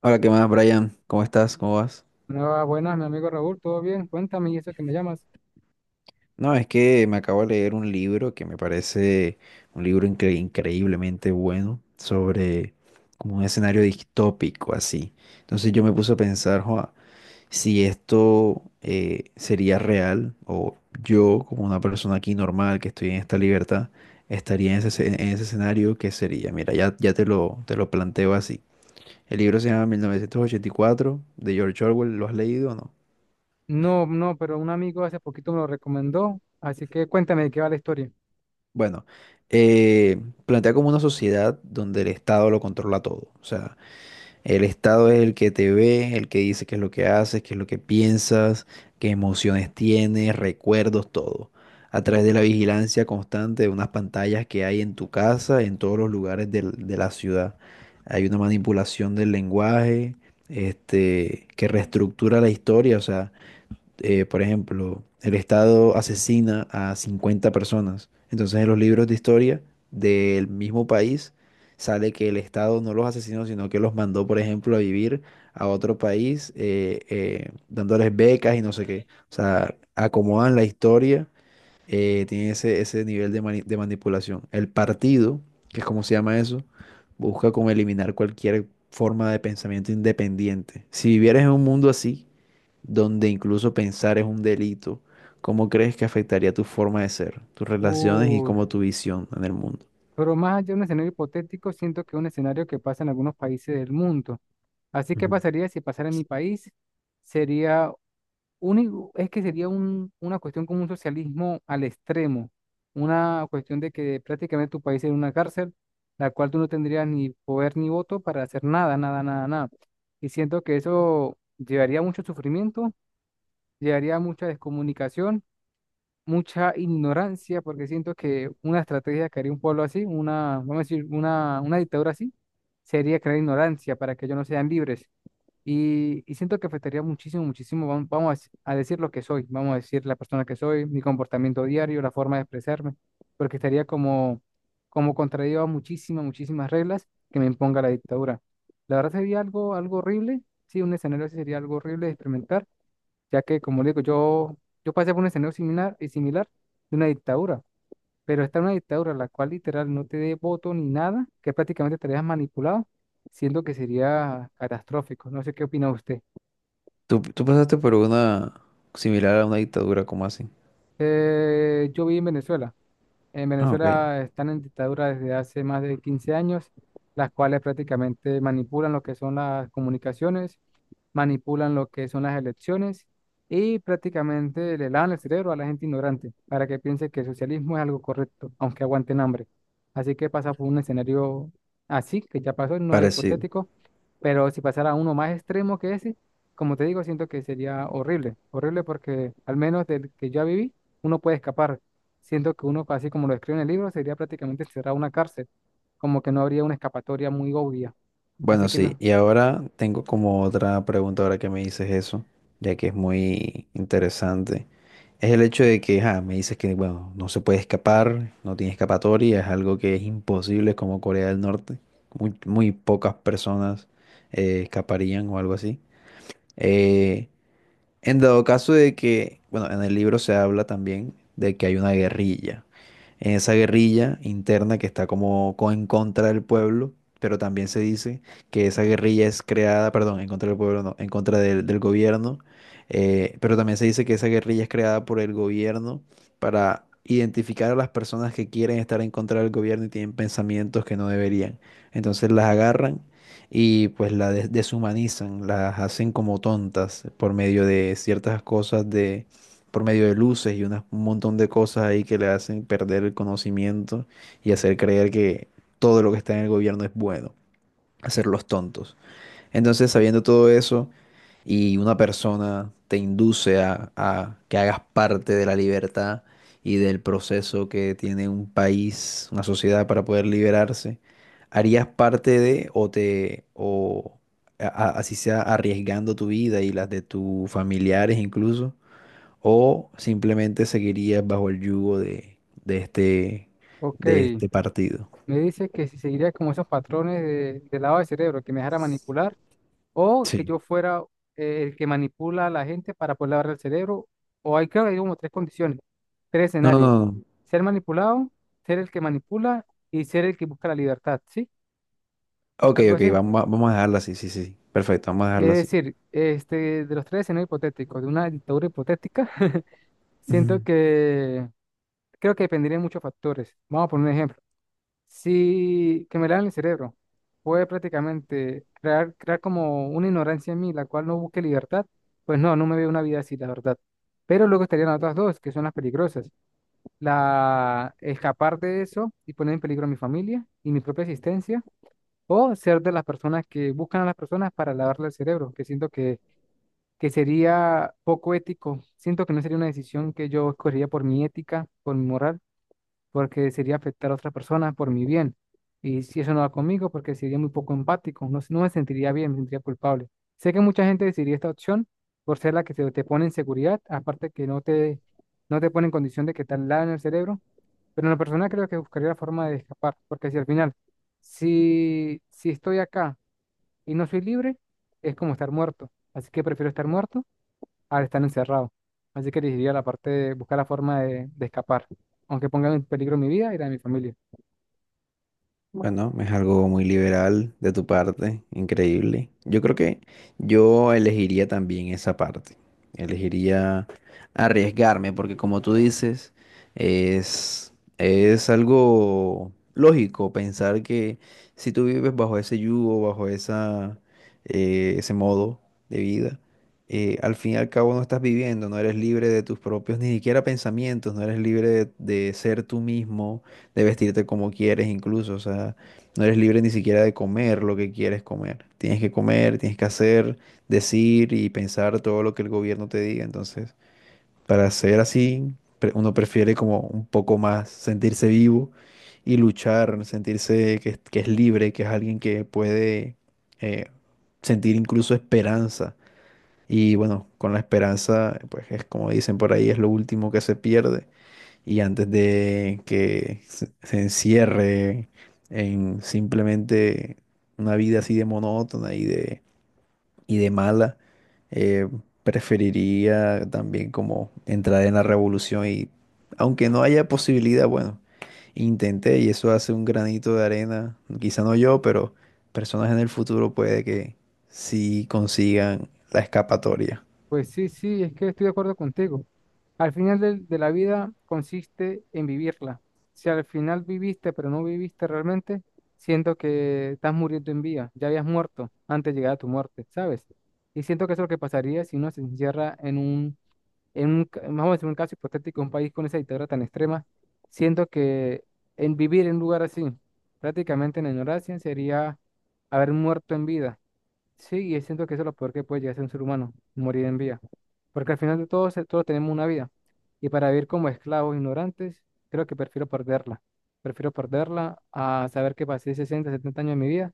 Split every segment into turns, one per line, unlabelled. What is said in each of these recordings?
Hola, ¿qué más, Brian? ¿Cómo estás? ¿Cómo vas?
Ah, buenas, mi amigo Raúl, ¿todo bien? Cuéntame, ¿y eso que me llamas?
No, es que me acabo de leer un libro que me parece un libro increíblemente bueno sobre como un escenario distópico así. Entonces yo me puse a pensar: "Joa, si esto sería real, o yo, como una persona aquí normal que estoy en esta libertad, estaría en ese, en ese escenario, ¿qué sería?". Mira, ya te lo planteo así. El libro se llama 1984, de George Orwell. ¿Lo has leído o no?
No, no, pero un amigo hace poquito me lo recomendó, así que cuéntame de qué va la historia.
Bueno, eh, plantea como una sociedad donde el Estado lo controla todo. O sea, el Estado es el que te ve, el que dice qué es lo que haces, qué es lo que piensas, qué emociones tienes, recuerdos, todo. A través de la vigilancia constante de unas pantallas que hay en tu casa, en todos los lugares de la ciudad. Hay una manipulación del lenguaje, que reestructura la historia. O sea, por ejemplo, el Estado asesina a 50 personas. Entonces en los libros de historia del mismo país sale que el Estado no los asesinó, sino que los mandó, por ejemplo, a vivir a otro país, dándoles becas y no sé qué. O sea, acomodan la historia, tienen ese, ese nivel de, de manipulación. El partido, que es como se llama eso, busca como eliminar cualquier forma de pensamiento independiente. Si vivieras en un mundo así, donde incluso pensar es un delito, ¿cómo crees que afectaría tu forma de ser, tus relaciones y
Uy,
como tu visión en el mundo?
pero más allá de un escenario hipotético, siento que es un escenario que pasa en algunos países del mundo. Así que
Ujú.
pasaría si pasara en mi país, sería único es que sería una cuestión como un socialismo al extremo, una cuestión de que prácticamente tu país sería una cárcel, la cual tú no tendrías ni poder ni voto para hacer nada, nada, nada, nada. Y siento que eso llevaría a mucho sufrimiento, llevaría a mucha descomunicación, mucha ignorancia, porque siento que una estrategia que haría un pueblo así, una, vamos a decir, una dictadura así, sería crear ignorancia para que ellos no sean libres y siento que afectaría muchísimo, muchísimo, vamos, a decir lo que soy, vamos a decir la persona que soy, mi comportamiento diario, la forma de expresarme, porque estaría como, como contraído a muchísimas, muchísimas reglas que me imponga la dictadura. La verdad sería algo, algo horrible, sí, un escenario así sería algo horrible de experimentar, ya que, como le digo, yo pasé por un escenario similar y similar de una dictadura, pero está una dictadura la cual literal no te dé voto ni nada, que prácticamente estarías manipulado, siendo que sería catastrófico. No sé qué opina usted.
Tú pasaste por una similar a una dictadura, ¿como así?
Yo viví en Venezuela. En
Ah, ok.
Venezuela están en dictadura desde hace más de 15 años, las cuales prácticamente manipulan lo que son las comunicaciones, manipulan lo que son las elecciones y prácticamente le lavan el cerebro a la gente ignorante para que piense que el socialismo es algo correcto, aunque aguanten hambre. Así que pasa por un escenario así, que ya pasó, no es
Parecido.
hipotético, pero si pasara uno más extremo que ese, como te digo, siento que sería horrible, horrible porque al menos del que ya viví, uno puede escapar. Siento que uno, así como lo escribe en el libro, sería prácticamente encerrado en una cárcel, como que no habría una escapatoria muy obvia. Así
Bueno,
que
sí,
no.
y ahora tengo como otra pregunta ahora que me dices eso, ya que es muy interesante. Es el hecho de que, ah, me dices que, bueno, no se puede escapar, no tiene escapatoria, es algo que es imposible, es como Corea del Norte. Muy, muy pocas personas escaparían o algo así. Eh, en dado caso de que, bueno, en el libro se habla también de que hay una guerrilla. En esa guerrilla interna que está como en contra del pueblo, pero también se dice que esa guerrilla es creada, perdón, en contra del pueblo, no, en contra del, del gobierno, pero también se dice que esa guerrilla es creada por el gobierno para identificar a las personas que quieren estar en contra del gobierno y tienen pensamientos que no deberían. Entonces las agarran y pues la deshumanizan, las hacen como tontas por medio de ciertas cosas de, por medio de luces y un montón de cosas ahí que le hacen perder el conocimiento y hacer creer que todo lo que está en el gobierno es bueno, hacerlos tontos. Entonces, sabiendo todo eso, y una persona te induce a que hagas parte de la libertad y del proceso que tiene un país, una sociedad para poder liberarse, ¿harías parte de o te o así sea arriesgando tu vida y las de tus familiares incluso, o simplemente seguirías bajo el yugo de este
Ok,
de este partido?
me dice que si seguiría como esos patrones de lavado de cerebro, que me dejara manipular, o que
Sí.
yo fuera el que manipula a la gente para poder lavar el cerebro, o hay creo que hay como tres condiciones, tres
No, no,
escenarios.
no.
Ser manipulado, ser el que manipula y ser el que busca la libertad, ¿sí?
Ok,
Algo
ok,
así.
vamos a, vamos a dejarla así, sí, sí, sí. Perfecto, vamos a dejarla así.
Es decir, este, de los tres escenarios hipotéticos, de una dictadura hipotética. Siento que creo que dependería de muchos factores. Vamos a poner un ejemplo. Si que me lavan el cerebro, puede prácticamente crear, crear como una ignorancia en mí, la cual no busque libertad. Pues no, no me veo una vida así, la verdad. Pero luego estarían las otras dos, que son las peligrosas. La escapar de eso y poner en peligro a mi familia y mi propia existencia, o ser de las personas que buscan a las personas para lavarle el cerebro, que siento que sería poco ético. Siento que no sería una decisión que yo escogería por mi ética, por mi moral, porque sería afectar a otra persona por mi bien. Y si eso no va conmigo, porque sería muy poco empático, no, no me sentiría bien, me sentiría culpable. Sé que mucha gente decidiría esta opción por ser la que se te pone en seguridad, aparte que no te, no te pone en condición de que te en el cerebro, pero en la persona creo que buscaría la forma de escapar, porque si al final, si estoy acá y no soy libre, es como estar muerto, así que prefiero estar muerto al estar encerrado. Así que elegiría la parte de buscar la forma de escapar, aunque ponga en peligro mi vida y la de mi familia.
Bueno, es algo muy liberal de tu parte, increíble. Yo creo que yo elegiría también esa parte. Elegiría arriesgarme, porque como tú dices, es algo lógico pensar que si tú vives bajo ese yugo, bajo esa, ese modo de vida, al fin y al cabo no estás viviendo, no eres libre de tus propios ni siquiera pensamientos, no eres libre de ser tú mismo, de vestirte como quieres incluso. O sea, no eres libre ni siquiera de comer lo que quieres comer. Tienes que comer, tienes que hacer, decir y pensar todo lo que el gobierno te diga. Entonces, para ser así, uno prefiere como un poco más sentirse vivo y luchar, sentirse que, que es libre, que es alguien que puede eh, sentir incluso esperanza. Y bueno, con la esperanza, pues es como dicen por ahí, es lo último que se pierde. Y antes de que se encierre en simplemente una vida así de monótona y de mala, eh, preferiría también como entrar en la revolución y, aunque no haya posibilidad, bueno, intenté y eso hace un granito de arena, quizá no yo, pero personas en el futuro puede que sí consigan la escapatoria.
Pues sí, sí, es que estoy de acuerdo contigo. Al final de la vida consiste en vivirla. Si al final viviste, pero no viviste realmente, siento que estás muriendo en vida, ya habías muerto antes de llegar a tu muerte, ¿sabes? Y siento que eso es lo que pasaría si uno se encierra en un, vamos a decir un caso hipotético, un país con esa dictadura tan extrema, siento que en vivir en un lugar así, prácticamente en la ignorancia, sería haber muerto en vida. Sí, y siento que eso es lo peor que puede llegar a ser un ser humano, morir en vida. Porque al final de todo, todos tenemos una vida. Y para vivir como esclavos ignorantes, creo que prefiero perderla. Prefiero perderla a saber que pasé 60, 70 años de mi vida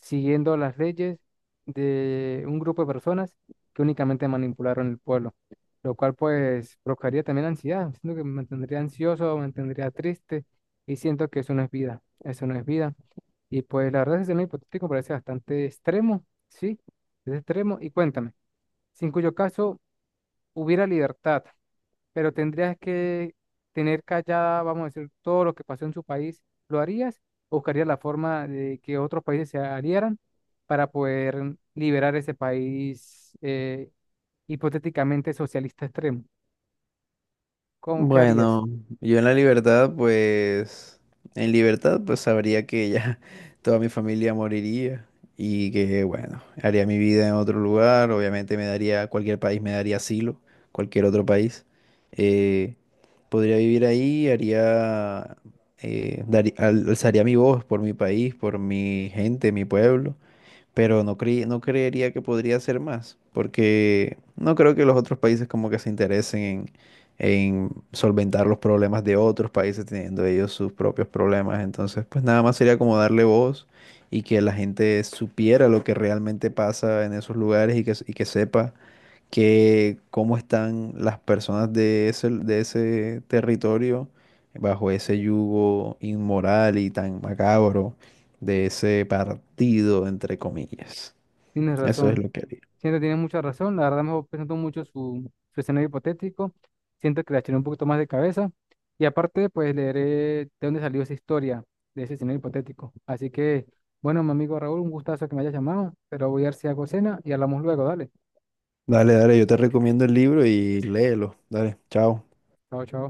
siguiendo las leyes de un grupo de personas que únicamente manipularon el pueblo. Lo cual pues provocaría también ansiedad. Siento que me mantendría ansioso, me mantendría triste y siento que eso no es vida. Eso no es vida. Y pues la verdad, ese escenario hipotético parece bastante extremo, ¿sí? Es extremo. Y cuéntame, si en cuyo caso hubiera libertad, pero tendrías que tener callada, vamos a decir, todo lo que pasó en su país, ¿lo harías? ¿O buscarías la forma de que otros países se aliaran para poder liberar ese país hipotéticamente socialista extremo? ¿Cómo que harías?
Bueno, yo en la libertad, pues, en libertad, pues sabría que ya toda mi familia moriría y que, bueno, haría mi vida en otro lugar. Obviamente me daría, cualquier país me daría asilo, cualquier otro país. Eh, Podría vivir ahí, haría, alzaría mi voz por mi país, por mi gente, mi pueblo, pero no creería que podría ser más, porque no creo que los otros países como que se interesen en solventar los problemas de otros países teniendo ellos sus propios problemas. Entonces, pues nada más sería como darle voz y que la gente supiera lo que realmente pasa en esos lugares y que sepa que cómo están las personas de ese territorio bajo ese yugo inmoral y tan macabro de ese partido, entre comillas.
Tienes
Eso es
razón.
lo que haría.
Siento que tienes mucha razón. La verdad me voy mucho su, su escenario hipotético. Siento que le echaré un poquito más de cabeza. Y aparte, pues leeré de dónde salió esa historia de ese escenario hipotético. Así que, bueno, mi amigo Raúl, un gustazo que me hayas llamado. Pero voy a ver si hago cena y hablamos luego. Dale.
Dale, yo te recomiendo el libro y léelo. Dale, chao.
Chao, chao.